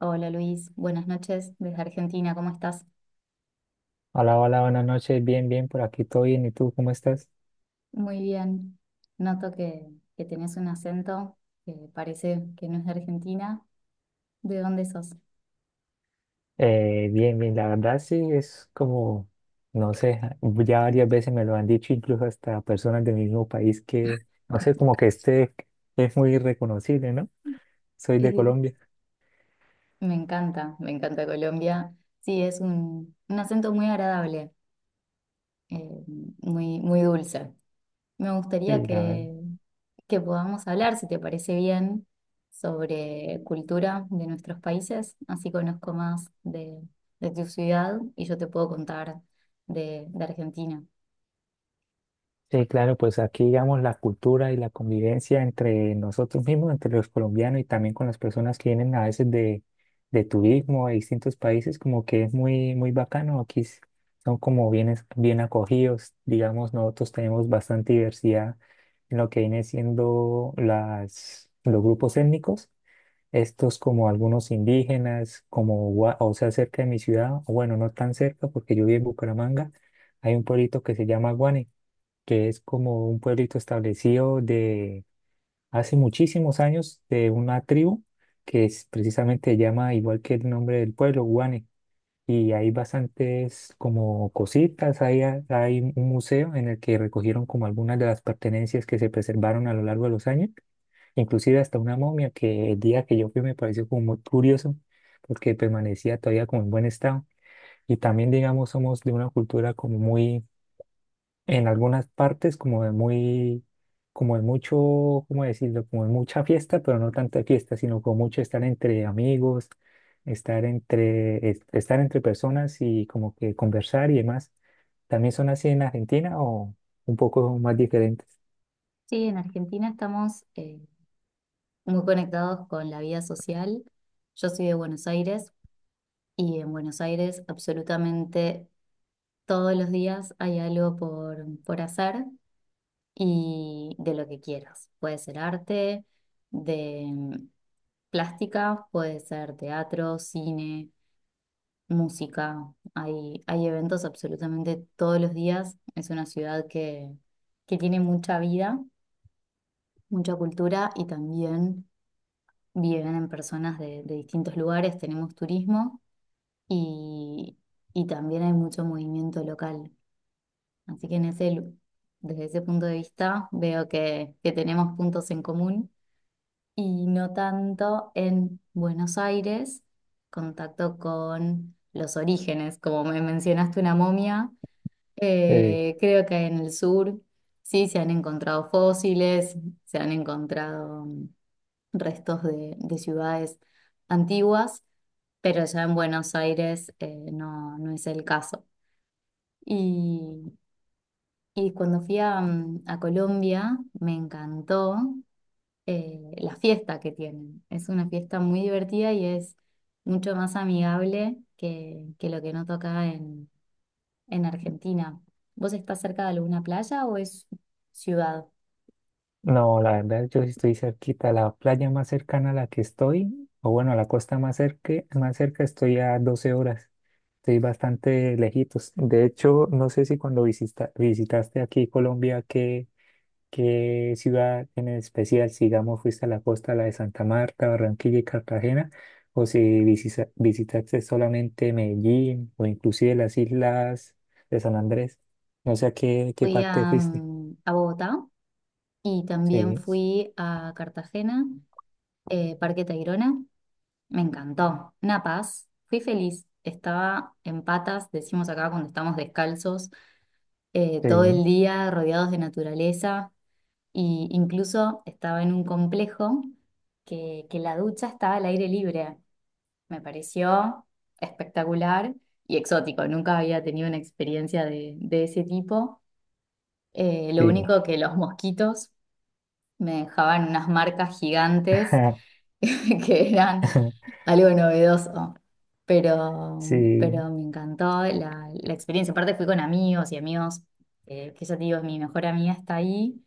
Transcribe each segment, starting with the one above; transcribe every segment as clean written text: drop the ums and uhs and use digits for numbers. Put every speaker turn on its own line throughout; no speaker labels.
Hola Luis, buenas noches desde Argentina, ¿cómo estás?
Hola, hola, buenas noches. Bien, bien, por aquí todo bien. ¿Y tú cómo estás?
Muy bien. Noto que tenés un acento que parece que no es de Argentina. ¿De dónde sos?
Bien, bien, la verdad sí es como, no sé, ya varias veces me lo han dicho, incluso hasta personas del mismo país que, no sé, como que este es muy reconocible, ¿no? Soy de
Eh,
Colombia.
me encanta Colombia. Sí, es un acento muy agradable, eh, muy, muy dulce. Me gustaría
Sí, la verdad.
que podamos hablar, si te parece bien, sobre cultura de nuestros países. Así conozco más de tu ciudad y yo te puedo contar de Argentina.
Sí, claro, pues aquí digamos la cultura y la convivencia entre nosotros mismos, entre los colombianos y también con las personas que vienen a veces de turismo de distintos países, como que es muy, muy bacano. Aquí son como bien, bien acogidos, digamos, nosotros tenemos bastante diversidad en lo que viene siendo las, los grupos étnicos, estos como algunos indígenas, como, o sea, cerca de mi ciudad, o bueno, no tan cerca porque yo vivo en Bucaramanga, hay un pueblito que se llama Guane que es como un pueblito establecido de hace muchísimos años de una tribu que es, precisamente se llama igual que el nombre del pueblo, Guane. Y hay bastantes como cositas, hay, hay un museo en el que recogieron como algunas de las pertenencias que se preservaron a lo largo de los años, inclusive hasta una momia que el día que yo fui me pareció como muy curioso porque permanecía todavía como en buen estado. Y también, digamos, somos de una cultura como muy en algunas partes como de muy, como de mucho, ¿cómo decirlo? Como de mucha fiesta, pero no tanta fiesta, sino como mucho estar entre amigos, estar entre personas y como que conversar y demás. ¿También son así en Argentina o un poco más diferentes?
Sí, en Argentina estamos muy conectados con la vida social. Yo soy de Buenos Aires y en Buenos Aires absolutamente todos los días hay algo por hacer y de lo que quieras. Puede ser arte, de plástica, puede ser teatro, cine, música. Hay eventos absolutamente todos los días. Es una ciudad que tiene mucha vida, mucha cultura y también viven en personas de distintos lugares, tenemos turismo y, y también hay mucho movimiento local. Así que en desde ese punto de vista veo que tenemos puntos en común y no tanto en Buenos Aires, contacto con los orígenes, como me mencionaste una momia,
Eh,
creo que en el sur sí se han encontrado fósiles, se han encontrado restos de ciudades antiguas, pero ya en Buenos Aires no, no es el caso. Y, y cuando fui a, a Colombia me encantó la fiesta que tienen. Es una fiesta muy divertida y es mucho más amigable que lo que noto acá en Argentina. ¿Vos estás cerca de alguna playa o es ciudad?
No, la verdad, yo sí estoy cerquita. La playa más cercana a la que estoy, o bueno, a la costa más cerca estoy a 12 horas. Estoy bastante lejitos. De hecho, no sé si cuando visitaste aquí Colombia, qué ciudad en especial, si digamos fuiste a la costa, la de Santa Marta, Barranquilla y Cartagena, o si visitaste solamente Medellín o inclusive las islas de San Andrés. No sé a qué
Fui
parte
a,
fuiste.
a Bogotá y también
Sí,
fui a Cartagena Parque Tayrona, me encantó. Una paz, fui feliz. Estaba en patas, decimos acá cuando estamos descalzos, todo el
sí,
día rodeados de naturaleza. Y incluso estaba en un complejo que la ducha estaba al aire libre. Me pareció espectacular y exótico. Nunca había tenido una experiencia de ese tipo. Lo
sí.
único que los mosquitos me dejaban unas marcas gigantes que eran algo novedoso,
Sí,
pero me encantó la experiencia. Aparte fui con amigos y amigos, que ya te digo, es mi mejor amiga está ahí,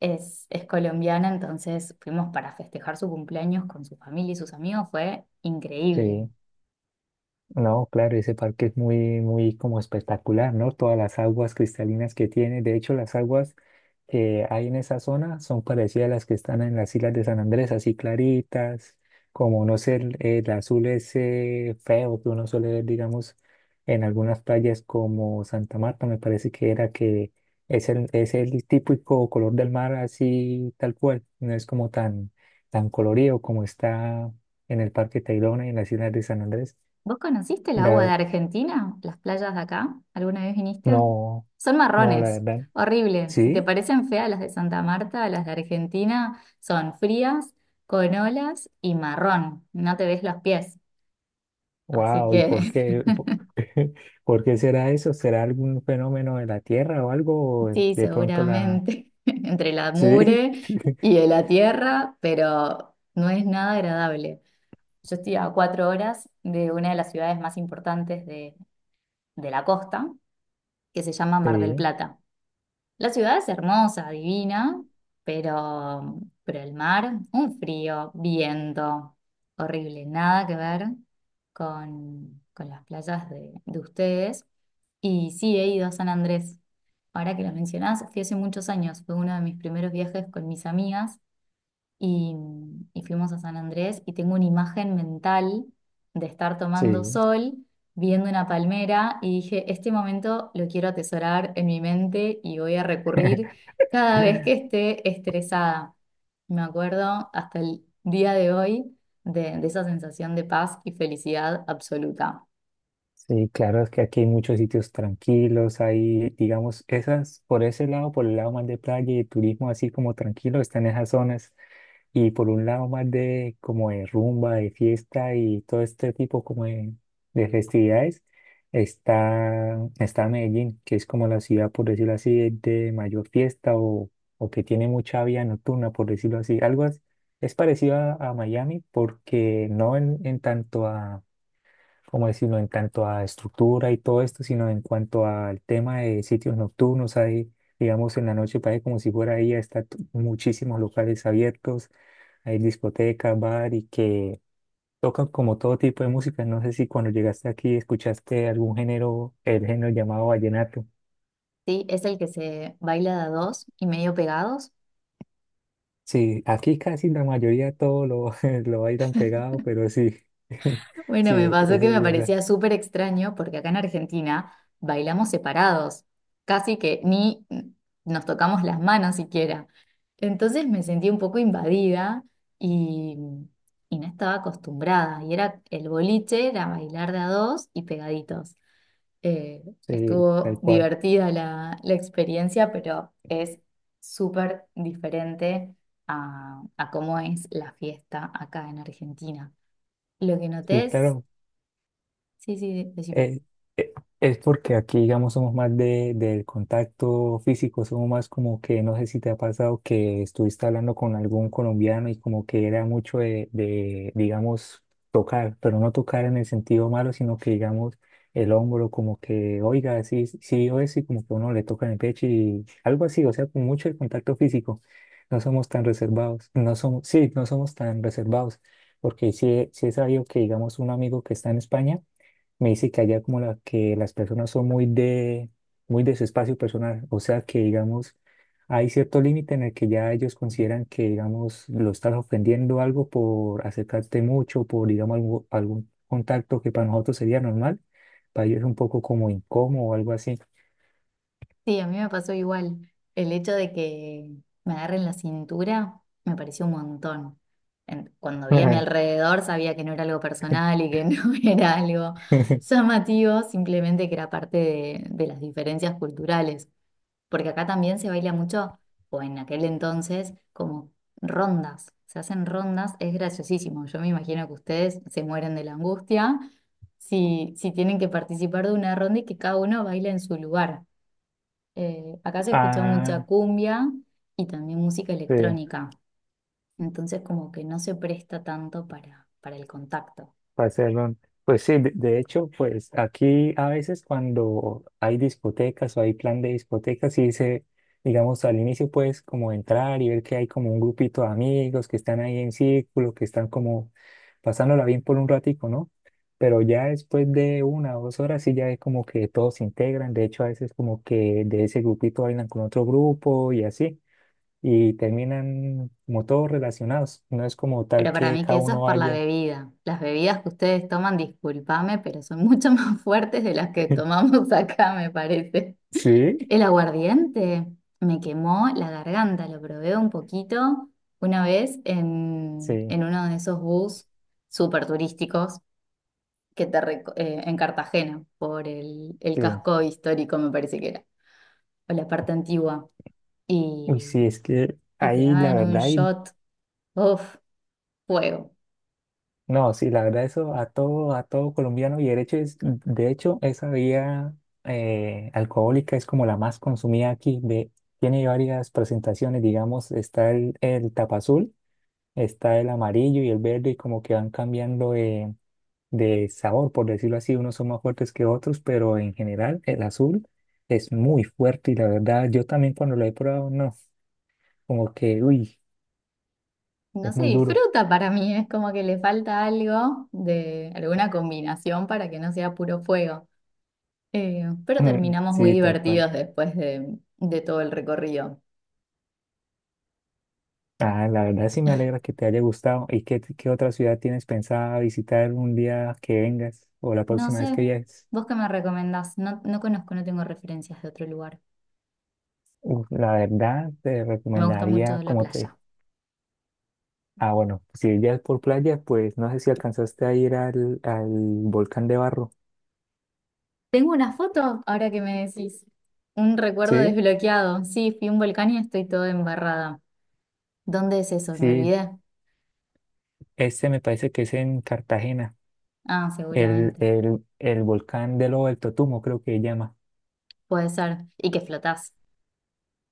es colombiana, entonces fuimos para festejar su cumpleaños con su familia y sus amigos, fue increíble.
sí. No, claro, ese parque es muy, muy como espectacular, ¿no? Todas las aguas cristalinas que tiene. De hecho, las aguas que hay en esa zona son parecidas a las que están en las islas de San Andrés, así claritas, como no sé, el azul ese feo que uno suele ver, digamos, en algunas playas como Santa Marta, me parece que era que es el típico color del mar así tal cual, no es como tan, tan colorido como está en el Parque Tayrona y en las islas de San Andrés.
¿Vos conociste el agua de
La
Argentina? ¿Las playas de acá? ¿Alguna vez viniste?
No,
Son
no, la
marrones,
verdad.
horrible. Si te
Sí,
parecen feas las de Santa Marta, las de Argentina son frías, con olas y marrón. No te ves los pies. Así
wow, ¿y por
que
qué? ¿Por por qué será eso? ¿Será algún fenómeno de la Tierra o algo? ¿O
sí,
de pronto la?
seguramente entre la
Sí,
mugre y de la tierra, pero no es nada agradable. Yo estoy a 4 horas de una de las ciudades más importantes de la costa, que se llama Mar del
sí,
Plata. La ciudad es hermosa, divina, pero, pero el mar, un frío, viento, horrible, nada que ver con las playas de ustedes. Y sí, he ido a San Andrés. Ahora que lo mencionás, fui hace muchos años, fue uno de mis primeros viajes con mis amigas y, y fuimos a San Andrés y tengo una imagen mental de estar tomando
sí.
sol, viendo una palmera y dije, este momento lo quiero atesorar en mi mente y voy a recurrir cada vez que esté estresada. Me acuerdo hasta el día de hoy de esa sensación de paz y felicidad absoluta.
Sí, claro, es que aquí hay muchos sitios tranquilos, hay, digamos, esas, por ese lado, por el lado más de playa y de turismo, así como tranquilo, están esas zonas. Y por un lado más de como de rumba, de fiesta y todo este tipo como de festividades, está Medellín, que es como la ciudad, por decirlo así, de mayor fiesta o que tiene mucha vida nocturna, por decirlo así. Algo es parecido a, Miami porque no en tanto a, ¿cómo decirlo?, en tanto a estructura y todo esto, sino en cuanto al tema de sitios nocturnos, hay, digamos, en la noche parece como si fuera ahí, está muchísimos locales abiertos hay discoteca, bar y que tocan como todo tipo de música. No sé si cuando llegaste aquí escuchaste algún género, el género llamado vallenato.
Sí, es el que se baila de a dos y medio pegados.
Sí, aquí casi la mayoría todo lo, lo bailan pegado, pero sí,
Bueno, me
sí,
pasó
eso
que
es
me
verdad,
parecía súper extraño porque acá en Argentina bailamos separados, casi que ni nos tocamos las manos siquiera. Entonces me sentí un poco invadida y, y no estaba acostumbrada. Y era el boliche, era bailar de a dos y pegaditos. Eh,
sí,
estuvo
tal cual.
divertida la experiencia, pero es súper diferente a cómo es la fiesta acá en Argentina. Lo que noté
Sí,
es
claro,
sí, sí, decime.
Eh, eh, es porque aquí, digamos, somos más de, del contacto físico, somos más como que, no sé si te ha pasado que estuviste hablando con algún colombiano y como que era mucho de, digamos, tocar, pero no tocar en el sentido malo, sino que, digamos, el hombro como que, oiga, sí, sí, o y como que uno le toca en el pecho y algo así, o sea, con mucho el contacto físico. No somos tan reservados, no somos, sí, no somos tan reservados, porque sí, sí es sabido que, digamos, un amigo que está en España, me dice que allá como la, que las personas son muy de su espacio personal, o sea que digamos, hay cierto límite en el que ya ellos consideran que digamos lo estás ofendiendo algo por acercarte mucho, por digamos algún contacto que para nosotros sería normal, para ellos es un poco como incómodo o algo así.
Sí, a mí me pasó igual. El hecho de que me agarren la cintura me pareció un montón. En- Cuando vi a mi
Ajá.
alrededor sabía que no era algo personal y que no era algo llamativo, simplemente que era parte de las diferencias culturales. Porque acá también se baila mucho, o en aquel entonces, como rondas. Se hacen rondas, es graciosísimo. Yo me imagino que ustedes se mueren de la angustia si tienen que participar de una ronda y que cada uno baila en su lugar. Acá se escucha mucha
Ah,
cumbia y también música
sí.
electrónica, entonces como que no se presta tanto para el contacto.
Para hacerlo, pues sí, de hecho, pues aquí a veces cuando hay discotecas o hay plan de discotecas, sí se, digamos, al inicio puedes como entrar y ver que hay como un grupito de amigos que están ahí en círculo, que están como pasándola bien por un ratico, ¿no? Pero ya después de 1 o 2 horas sí ya es como que todos se integran, de hecho a veces como que de ese grupito bailan con otro grupo y así, y terminan como todos relacionados, no es como
Pero
tal
para
que
mí que
cada
eso es
uno
por la
vaya.
bebida. Las bebidas que ustedes toman, discúlpame, pero son mucho más fuertes de las que tomamos acá, me parece.
Sí,
El aguardiente me quemó la garganta, lo probé un poquito una vez
sí,
en uno de esos bus súper turísticos en Cartagena, por el
sí.
casco histórico, me parece que era, o la parte antigua, y,
Uy, sí, es que
y te
ahí la
daban un
verdad,
shot, uff, fuego.
no, sí, la verdad eso a todo colombiano y derecho es, de hecho, esa bebida alcohólica es como la más consumida aquí, de, tiene varias presentaciones, digamos, está el tapa azul, está el amarillo y el verde y como que van cambiando de sabor, por decirlo así, unos son más fuertes que otros, pero en general el azul es muy fuerte y la verdad, yo también cuando lo he probado, no, como que, uy,
No
es
se
muy duro.
disfruta para mí, es como que le falta algo de alguna combinación para que no sea puro fuego. Pero terminamos muy
Sí, tal cual.
divertidos después de todo el recorrido.
Ah, la verdad sí me alegra que te haya gustado. ¿Y qué, qué otra ciudad tienes pensada visitar un día que vengas o la
No
próxima vez
sé,
que viajes?
vos qué me recomendás, no, no conozco, no tengo referencias de otro lugar.
Uf, la verdad te
Me gusta
recomendaría,
mucho la
como te...
playa.
Ah, bueno, si ya es por playa, pues no sé si alcanzaste a ir al volcán de Barro.
Tengo una foto, ahora que me decís. Un recuerdo
Sí,
desbloqueado. Sí, fui a un volcán y estoy toda embarrada. ¿Dónde es eso? Me
sí,
olvidé.
este me parece que es en Cartagena,
Ah,
el,
seguramente.
el, el volcán de Lobo del Totumo, creo que se llama.
Puede ser. Y que flotás,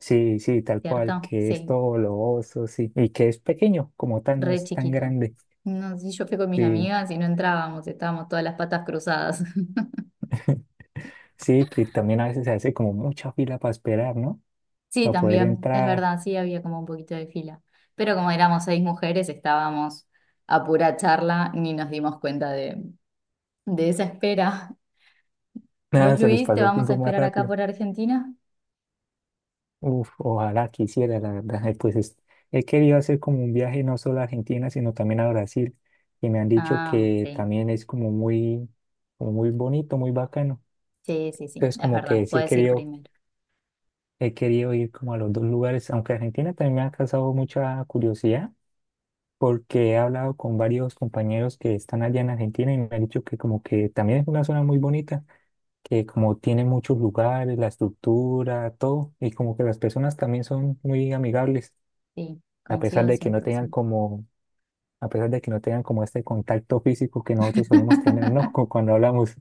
Sí, sí, tal cual,
¿cierto?
que es
Sí,
todo globoso, sí, y que es pequeño, como tal, no
re
es tan
chiquito.
grande.
No, sí, yo fui con mis
Sí,
amigas y no entrábamos, estábamos todas las patas cruzadas.
sí, que también a veces se hace como mucha fila para esperar, ¿no?
Sí,
Para poder
también, es
entrar.
verdad, sí había como un poquito de fila. Pero como éramos 6 mujeres, estábamos a pura charla, ni nos dimos cuenta de esa espera.
Nada,
¿Vos,
se les
Luis, te
pasa el
vamos a
tiempo más
esperar acá
rápido.
por Argentina?
Uf, ojalá quisiera, la verdad. Pues he querido hacer como un viaje no solo a Argentina, sino también a Brasil, y me han dicho
Ah,
que
sí,
también es como muy, bonito, muy bacano.
sí, sí, sí,
Entonces,
es
como que
verdad,
sí he
puedes ir
querido,
primero.
he querido ir como a los dos lugares, aunque Argentina también me ha causado mucha curiosidad porque he hablado con varios compañeros que están allá en Argentina y me han dicho que como que también es una zona muy bonita, que como tiene muchos lugares, la estructura, todo, y como que las personas también son muy amigables,
Sí,
a pesar
coincido
de que
cien
no
por
tengan
ciento.
como, a pesar de que no tengan como este contacto físico que nosotros solemos tener, ¿no? Cuando hablamos.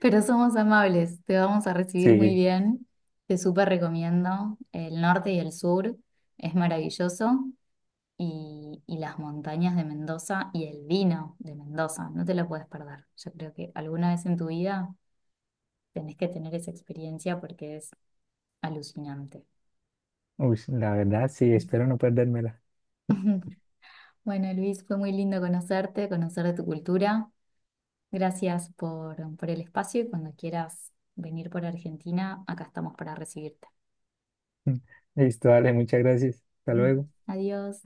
Pero somos amables, te vamos a recibir muy
Sí,
bien. Te súper recomiendo el norte y el sur, es maravilloso. Y las montañas de Mendoza y el vino de Mendoza, no te lo puedes perder. Yo creo que alguna vez en tu vida tenés que tener esa experiencia porque es alucinante.
uy, la verdad, sí, espero no perdérmela.
Bueno, Luis, fue muy lindo conocerte, conocer de tu cultura. Gracias por el espacio y cuando quieras venir por Argentina, acá estamos para recibirte.
Listo, dale, muchas gracias. Hasta
Ujú.
luego.
Adiós.